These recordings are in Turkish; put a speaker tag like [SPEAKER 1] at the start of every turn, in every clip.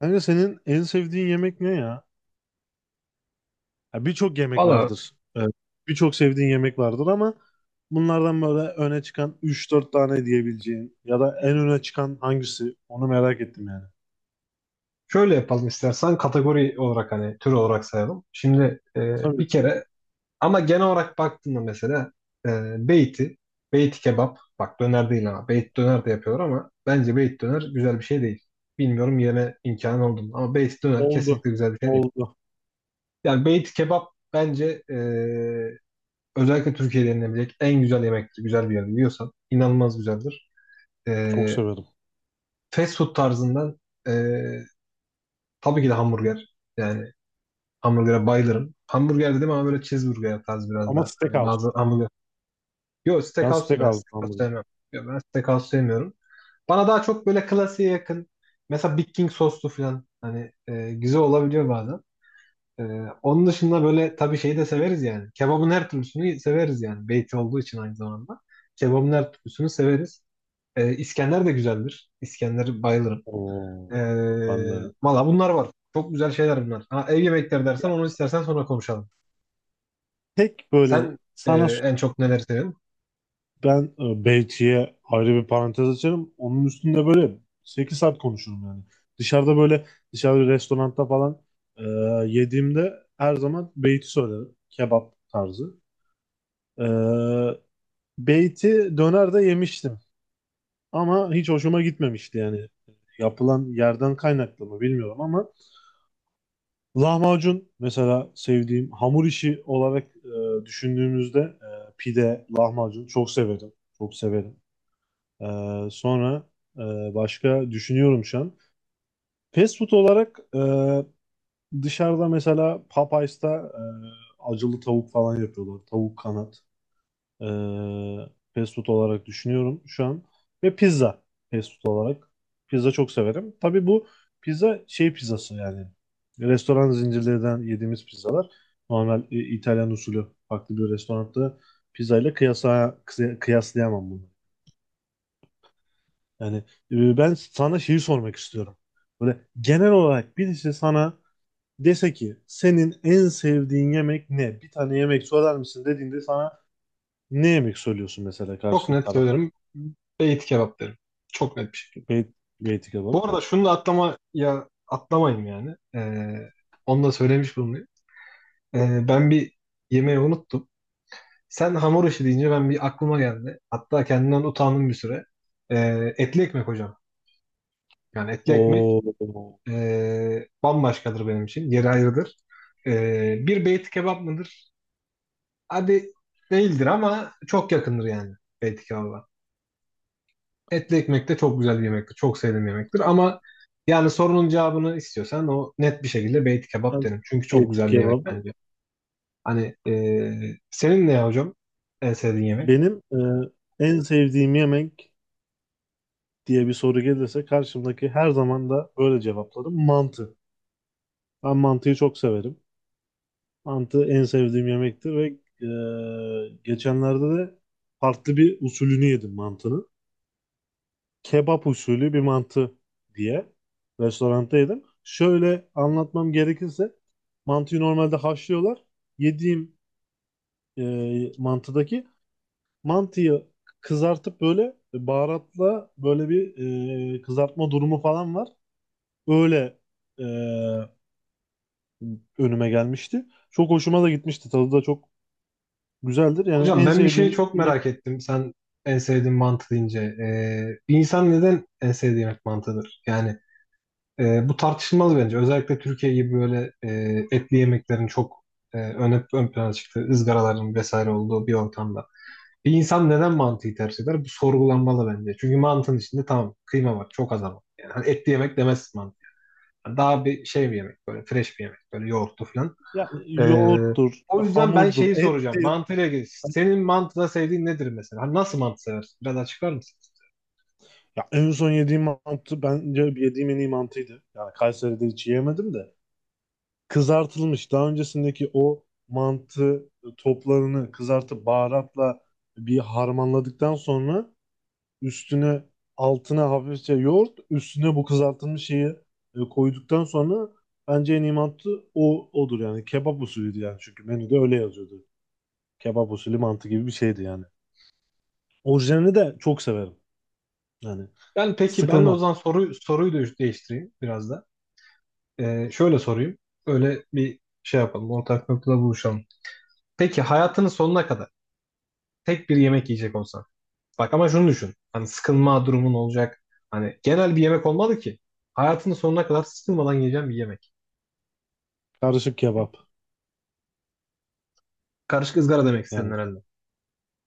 [SPEAKER 1] Kanka senin en sevdiğin yemek ne ya? Ya birçok yemek
[SPEAKER 2] Valla
[SPEAKER 1] vardır. Evet. Birçok sevdiğin yemek vardır ama bunlardan böyle öne çıkan üç dört tane diyebileceğin ya da en öne çıkan hangisi? Onu merak ettim yani.
[SPEAKER 2] şöyle yapalım istersen kategori olarak hani tür olarak sayalım. Şimdi
[SPEAKER 1] Tabii
[SPEAKER 2] bir
[SPEAKER 1] ki.
[SPEAKER 2] kere ama genel olarak baktığında mesela e, beyti, beyti kebap, bak döner değil ama beyt döner de yapıyor, ama bence beyt döner güzel bir şey değil. Bilmiyorum yeme imkanı oldu mu, ama beyt döner
[SPEAKER 1] Oldu.
[SPEAKER 2] kesinlikle güzel bir şey değil.
[SPEAKER 1] Oldu.
[SPEAKER 2] Yani beyti kebap bence özellikle Türkiye'de yenilebilecek en güzel yemektir. Güzel bir yerde yiyorsan inanılmaz güzeldir. E,
[SPEAKER 1] Çok severim.
[SPEAKER 2] Fast food tarzından e, tabii ki de hamburger. Yani hamburger'e bayılırım. Hamburger dedim ama böyle cheeseburger tarzı biraz
[SPEAKER 1] Ama
[SPEAKER 2] daha. Hani
[SPEAKER 1] steakhouse.
[SPEAKER 2] bazı hamburger. Yok,
[SPEAKER 1] Ben
[SPEAKER 2] steakhouse değil, ben
[SPEAKER 1] steakhouse
[SPEAKER 2] steakhouse
[SPEAKER 1] hamburger.
[SPEAKER 2] sevmem. Yok, ben steakhouse sevmiyorum. Bana daha çok böyle klasiğe yakın. Mesela Big King soslu falan. Hani güzel olabiliyor bazen. E, Onun dışında böyle tabii şeyi de severiz yani. Kebabın her türlüsünü severiz yani. Beyti olduğu için aynı zamanda. Kebabın her türlüsünü severiz. İskender de güzeldir. İskender bayılırım. E,
[SPEAKER 1] Oo, ben de.
[SPEAKER 2] Valla bunlar var. Çok güzel şeyler bunlar. Ha, ev yemekleri
[SPEAKER 1] Ya
[SPEAKER 2] dersen onu istersen sonra konuşalım.
[SPEAKER 1] tek böyle
[SPEAKER 2] Sen e,
[SPEAKER 1] sana,
[SPEAKER 2] en çok neleri seviyorsun?
[SPEAKER 1] ben Belçika'ya ayrı bir parantez açarım. Onun üstünde böyle 8 saat konuşurum yani. Dışarıda böyle bir restoranda falan e, yediğimde her zaman beyti söylerim. Kebap tarzı. E, Beyti dönerde yemiştim. Ama hiç hoşuma gitmemişti yani. Yapılan yerden kaynaklı mı bilmiyorum ama lahmacun mesela, sevdiğim hamur işi olarak düşündüğümüzde pide, lahmacun çok severim. Çok severim. Sonra başka düşünüyorum şu an. Fast food olarak, dışarıda mesela Popeyes'ta acılı tavuk falan yapıyorlar. Tavuk kanat. E, Fast food olarak düşünüyorum şu an. Ve pizza, fast food olarak. Pizza çok severim. Tabii bu pizza şey pizzası yani. Restoran zincirlerinden yediğimiz pizzalar. Normal İtalyan usulü farklı bir restoranda pizzayla kıyaslayamam. Yani ben sana şeyi sormak istiyorum. Böyle genel olarak birisi sana dese ki senin en sevdiğin yemek ne? Bir tane yemek söyler misin dediğinde sana ne yemek söylüyorsun mesela
[SPEAKER 2] Çok
[SPEAKER 1] karşı
[SPEAKER 2] net
[SPEAKER 1] tarafa?
[SPEAKER 2] söylerim. Beyti kebap derim. Çok net bir şekilde.
[SPEAKER 1] Bey- Beyti kebap.
[SPEAKER 2] Bu arada şunu da atlama ya atlamayayım yani. Onu da söylemiş bulunayım. Ben bir yemeği unuttum. Sen hamur işi deyince ben bir aklıma geldi. Hatta kendimden utandım bir süre. E, Etli ekmek hocam. Yani etli ekmek
[SPEAKER 1] Oo.
[SPEAKER 2] bambaşkadır benim için. Yeri ayrıdır. E, Bir, beyti kebap mıdır? Hadi değildir ama çok yakındır yani beyti kebaba. Etli ekmek de çok güzel bir yemektir. Çok sevdiğim bir yemektir. Ama yani sorunun cevabını istiyorsan o net bir şekilde beyti kebap
[SPEAKER 1] Abi,
[SPEAKER 2] derim. Çünkü çok
[SPEAKER 1] beyti
[SPEAKER 2] güzel bir yemek
[SPEAKER 1] kebap.
[SPEAKER 2] bence. Hani senin ne ya hocam en sevdiğin yemek?
[SPEAKER 1] Benim en sevdiğim yemek diye bir soru gelirse karşımdaki, her zaman da böyle cevaplarım, mantı. Ben mantıyı çok severim. Mantı en sevdiğim yemektir ve geçenlerde de farklı bir usulünü yedim mantının. Kebap usulü bir mantı diye restoranda yedim. Şöyle anlatmam gerekirse mantıyı normalde haşlıyorlar. Yediğim mantıdaki mantıyı kızartıp böyle baharatla böyle bir kızartma durumu falan var. Öyle e, önüme gelmişti. Çok hoşuma da gitmişti. Tadı da çok güzeldir. Yani
[SPEAKER 2] Hocam
[SPEAKER 1] en
[SPEAKER 2] ben bir şeyi
[SPEAKER 1] sevdiğim
[SPEAKER 2] çok
[SPEAKER 1] yemek.
[SPEAKER 2] merak ettim. Sen en sevdiğin mantı deyince. Bir insan neden en sevdiği yemek mantıdır? Yani bu tartışılmalı bence. Özellikle Türkiye gibi böyle etli yemeklerin çok ön plana çıktığı, ızgaraların vesaire olduğu bir ortamda. Bir insan neden mantıyı tercih eder? Bu sorgulanmalı bence. Çünkü mantının içinde, tamam, kıyma var, çok az ama. Yani hani etli yemek demezsin mantı. Daha bir şey, bir yemek, böyle fresh bir yemek, böyle yoğurtlu falan.
[SPEAKER 1] Ya
[SPEAKER 2] E,
[SPEAKER 1] yoğurttur,
[SPEAKER 2] O yüzden ben
[SPEAKER 1] hamurdur,
[SPEAKER 2] şeyi soracağım.
[SPEAKER 1] ettir.
[SPEAKER 2] Mantıyla ilgili. Senin mantıda sevdiğin nedir mesela? Hani nasıl mantı seversin? Biraz açıklar mısın?
[SPEAKER 1] Ya en son yediğim mantı bence yediğim en iyi mantıydı. Yani Kayseri'de hiç yemedim de. Kızartılmış daha öncesindeki o mantı toplarını kızartıp baharatla bir harmanladıktan sonra üstüne, altına hafifçe yoğurt, üstüne bu kızartılmış şeyi koyduktan sonra, bence en iyi mantı odur yani. Kebap usulüydü yani, çünkü menüde öyle yazıyordu. Kebap usulü mantı gibi bir şeydi yani. Orijinalini de çok severim. Yani
[SPEAKER 2] Ben peki, ben de o
[SPEAKER 1] sıkılmam.
[SPEAKER 2] zaman soruyu da değiştireyim biraz da. Şöyle sorayım. Öyle bir şey yapalım. Ortak noktada buluşalım. Peki hayatının sonuna kadar tek bir yemek yiyecek olsan. Bak ama şunu düşün. Hani sıkılma durumun olacak. Hani genel bir yemek olmalı ki. Hayatının sonuna kadar sıkılmadan yiyeceğim bir yemek.
[SPEAKER 1] Karışık kebap.
[SPEAKER 2] Karışık ızgara demek istedin
[SPEAKER 1] Yani
[SPEAKER 2] herhalde.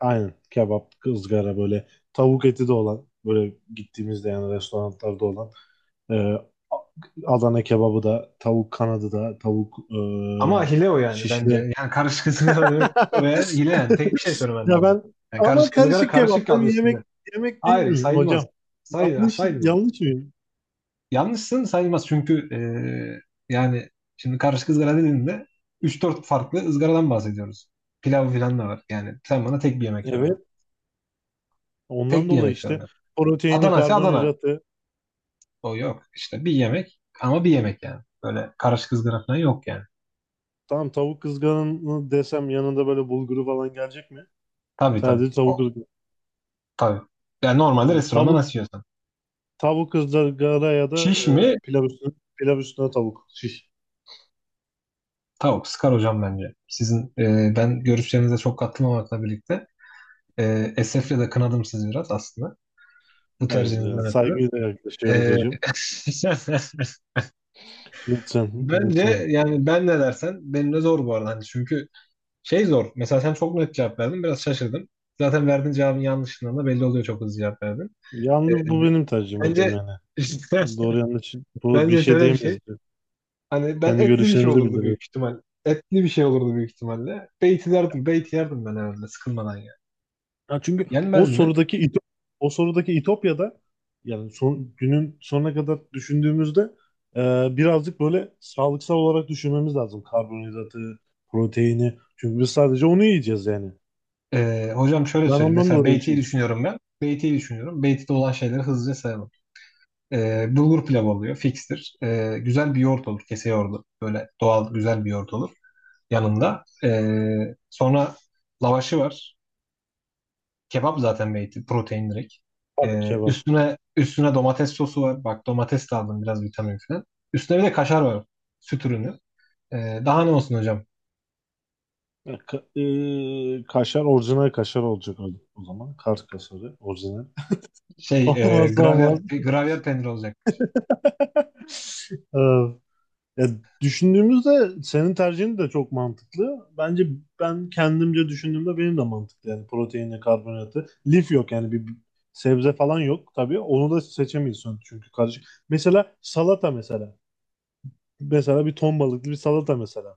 [SPEAKER 1] aynen kebap, ızgara, böyle tavuk eti de olan, böyle gittiğimizde yani restoranlarda olan, e, A- Adana kebabı da, tavuk kanadı da, tavuk
[SPEAKER 2] Ama hile o yani
[SPEAKER 1] şişi
[SPEAKER 2] bence.
[SPEAKER 1] de.
[SPEAKER 2] Yani karışık ızgara demek oraya hile yani. Tek bir şey söylemen
[SPEAKER 1] Ya
[SPEAKER 2] lazım.
[SPEAKER 1] ben,
[SPEAKER 2] Yani
[SPEAKER 1] ama
[SPEAKER 2] karışık ızgara,
[SPEAKER 1] karışık kebap
[SPEAKER 2] karışık
[SPEAKER 1] da
[SPEAKER 2] adı
[SPEAKER 1] bir
[SPEAKER 2] üstünde.
[SPEAKER 1] yemek değil
[SPEAKER 2] Hayır,
[SPEAKER 1] mi
[SPEAKER 2] sayılmaz.
[SPEAKER 1] hocam?
[SPEAKER 2] Sayılmaz. Sayılmaz.
[SPEAKER 1] Yanlış mıyım?
[SPEAKER 2] Yanlışsın, sayılmaz çünkü yani şimdi karışık ızgara dediğinde üç dört farklı ızgaradan bahsediyoruz. Pilav filan da var. Yani sen bana tek bir yemek söyleme.
[SPEAKER 1] Evet. Ondan
[SPEAKER 2] Tek bir
[SPEAKER 1] dolayı
[SPEAKER 2] yemek
[SPEAKER 1] işte
[SPEAKER 2] söyleme.
[SPEAKER 1] proteini,
[SPEAKER 2] Adana ise Adana.
[SPEAKER 1] karbonhidratı.
[SPEAKER 2] O yok. İşte bir yemek ama bir yemek yani. Böyle karışık ızgara falan yok yani.
[SPEAKER 1] Tamam, tavuk kızgarını desem yanında böyle bulguru falan gelecek mi?
[SPEAKER 2] Tabii tabii.
[SPEAKER 1] Sadece tavuk
[SPEAKER 2] O,
[SPEAKER 1] ızgara.
[SPEAKER 2] tabii. Yani normalde
[SPEAKER 1] Tamam.
[SPEAKER 2] restoranda nasıl yiyorsan.
[SPEAKER 1] Tavuk ızgara ya da
[SPEAKER 2] Şiş mi?
[SPEAKER 1] pilav üstüne tavuk. Şiş.
[SPEAKER 2] Tavuk. Sıkar hocam bence. Sizin ben görüşlerinize çok katılmamakla birlikte esefle de kınadım sizi biraz aslında. Bu
[SPEAKER 1] Hayır
[SPEAKER 2] tercihinizden
[SPEAKER 1] yani
[SPEAKER 2] ötürü.
[SPEAKER 1] saygıyla yaklaşıyoruz
[SPEAKER 2] Ee,
[SPEAKER 1] hocam. Lütfen,
[SPEAKER 2] bence
[SPEAKER 1] lütfen.
[SPEAKER 2] yani ben ne dersen benim de zor bu arada. Hani çünkü şey zor. Mesela sen çok net cevap verdin. Biraz şaşırdım. Zaten verdiğin cevabın yanlışından da belli oluyor, çok hızlı cevap verdin. Ee,
[SPEAKER 1] Yalnız bu benim tercihim hocam
[SPEAKER 2] Bence
[SPEAKER 1] yani. Doğru yanlış bu, bir
[SPEAKER 2] bence
[SPEAKER 1] şey
[SPEAKER 2] şöyle bir
[SPEAKER 1] diyemeyiz
[SPEAKER 2] şey.
[SPEAKER 1] hocam.
[SPEAKER 2] Hani ben
[SPEAKER 1] Kendi
[SPEAKER 2] etli bir şey
[SPEAKER 1] görüşlerimizi
[SPEAKER 2] olurdu
[SPEAKER 1] bildiriyoruz.
[SPEAKER 2] büyük ihtimal. Etli bir şey olurdu büyük ihtimalle. Beyti derdim. Beyti yerdim ben herhalde sıkılmadan ya.
[SPEAKER 1] Ya çünkü o
[SPEAKER 2] Yenmez mi?
[SPEAKER 1] sorudaki İto- o sorudaki İtopya'da, yani son, günün sonuna kadar düşündüğümüzde birazcık böyle sağlıksal olarak düşünmemiz lazım. Karbonhidratı, proteini. Çünkü biz sadece onu yiyeceğiz yani.
[SPEAKER 2] Hocam şöyle
[SPEAKER 1] Ben
[SPEAKER 2] söyleyeyim.
[SPEAKER 1] ondan
[SPEAKER 2] Mesela
[SPEAKER 1] dolayı
[SPEAKER 2] beytiyi
[SPEAKER 1] şey düşündüm.
[SPEAKER 2] düşünüyorum ben. Beytiyi düşünüyorum. Beyti'de olan şeyleri hızlıca sayalım. Bulgur pilavı oluyor. Fikstir. Güzel bir yoğurt olur. Kese yoğurdu. Böyle doğal güzel bir yoğurt olur yanında. Sonra lavaşı var. Kebap zaten beyti. Protein direkt.
[SPEAKER 1] Tabii kebap.
[SPEAKER 2] Üstüne, üstüne domates sosu var. Bak domates de aldım, biraz vitamin falan. Üstüne bir de kaşar var. Süt ürünü. Daha ne olsun hocam?
[SPEAKER 1] E, ka- kaşar, orijinal kaşar olacak o zaman. Kars kaşarı orijinal.
[SPEAKER 2] Şey
[SPEAKER 1] Olmazsa olmaz.
[SPEAKER 2] gravyer peyniri olacak.
[SPEAKER 1] Ee, Ya düşündüğümüzde senin tercihin de çok mantıklı. Bence ben kendimce düşündüğümde benim de mantıklı. Yani proteini, karbonatı. Lif yok yani, bir sebze falan yok tabii. Onu da seçemiyorsun çünkü karışık. Mesela salata mesela. Mesela bir ton balıklı bir salata mesela.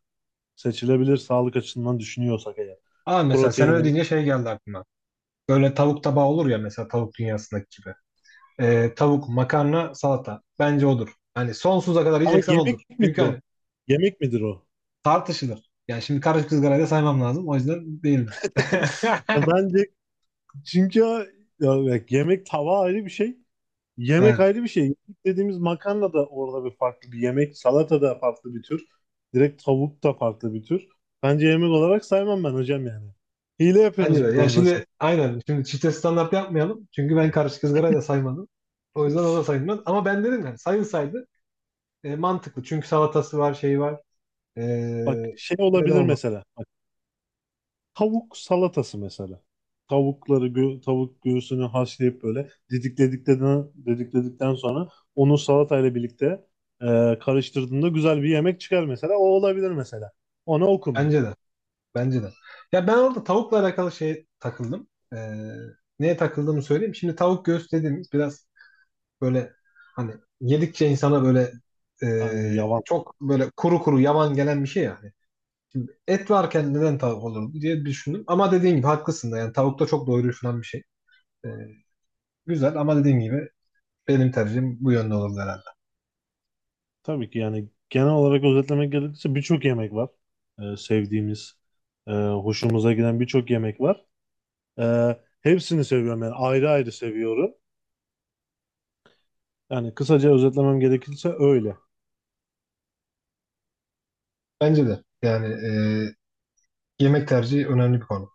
[SPEAKER 1] Seçilebilir sağlık açısından düşünüyorsak eğer.
[SPEAKER 2] Aa, mesela sen öyle
[SPEAKER 1] Proteini.
[SPEAKER 2] deyince şey geldi aklıma. Böyle tavuk tabağı olur ya, mesela tavuk dünyasındaki gibi. Tavuk, makarna, salata. Bence odur. Hani sonsuza kadar
[SPEAKER 1] Ama
[SPEAKER 2] yiyeceksen odur.
[SPEAKER 1] yemek
[SPEAKER 2] Çünkü
[SPEAKER 1] midir o?
[SPEAKER 2] hani
[SPEAKER 1] Yemek midir o?
[SPEAKER 2] tartışılır. Yani şimdi karışık ızgarayı da saymam lazım. O yüzden değildir.
[SPEAKER 1] Ya bence, çünkü ya bak, yemek tava ayrı bir şey. Yemek
[SPEAKER 2] Evet.
[SPEAKER 1] ayrı bir şey. Yemek dediğimiz, makarna da orada bir farklı bir yemek. Salata da farklı bir tür. Direkt tavuk da farklı bir tür. Bence yemek olarak saymam ben hocam yani. Hile
[SPEAKER 2] Bence
[SPEAKER 1] yapıyorsunuz bu
[SPEAKER 2] de. Ya
[SPEAKER 1] konuda siz.
[SPEAKER 2] şimdi aynen. Şimdi çifte standart yapmayalım. Çünkü ben karışık ızgarayı da saymadım. O yüzden o da sayılmaz. Ama ben dedim yani sayılsaydı mantıklı. Çünkü salatası var, şeyi var.
[SPEAKER 1] Bak
[SPEAKER 2] E,
[SPEAKER 1] şey
[SPEAKER 2] Neden
[SPEAKER 1] olabilir
[SPEAKER 2] olmaz?
[SPEAKER 1] mesela. Tavuk salatası mesela. Tavuk göğsünü haşlayıp böyle didikledikten sonra onu salatayla birlikte e, karıştırdığında güzel bir yemek çıkar mesela. O olabilir mesela. Ona okum ben.
[SPEAKER 2] Bence de. Bence de. Ya ben orada tavukla alakalı şey takıldım. Neye takıldığımı söyleyeyim. Şimdi tavuk göğüs dediğimiz biraz böyle, hani, yedikçe insana böyle
[SPEAKER 1] Hani yavan.
[SPEAKER 2] çok böyle kuru kuru, yavan gelen bir şey yani. Şimdi et varken neden tavuk olur diye düşündüm. Ama dediğin gibi haklısın da, yani tavuk da çok doyurucu falan bir şey. E, Güzel ama dediğin gibi benim tercihim bu yönde olurdu herhalde.
[SPEAKER 1] Tabii ki, yani genel olarak özetlemek gerekirse, birçok yemek var. Sevdiğimiz, hoşumuza giden birçok yemek var. E, Hepsini seviyorum yani, ayrı ayrı seviyorum. Yani kısaca özetlemem gerekirse öyle.
[SPEAKER 2] Bence de yani yemek tercihi önemli bir konu.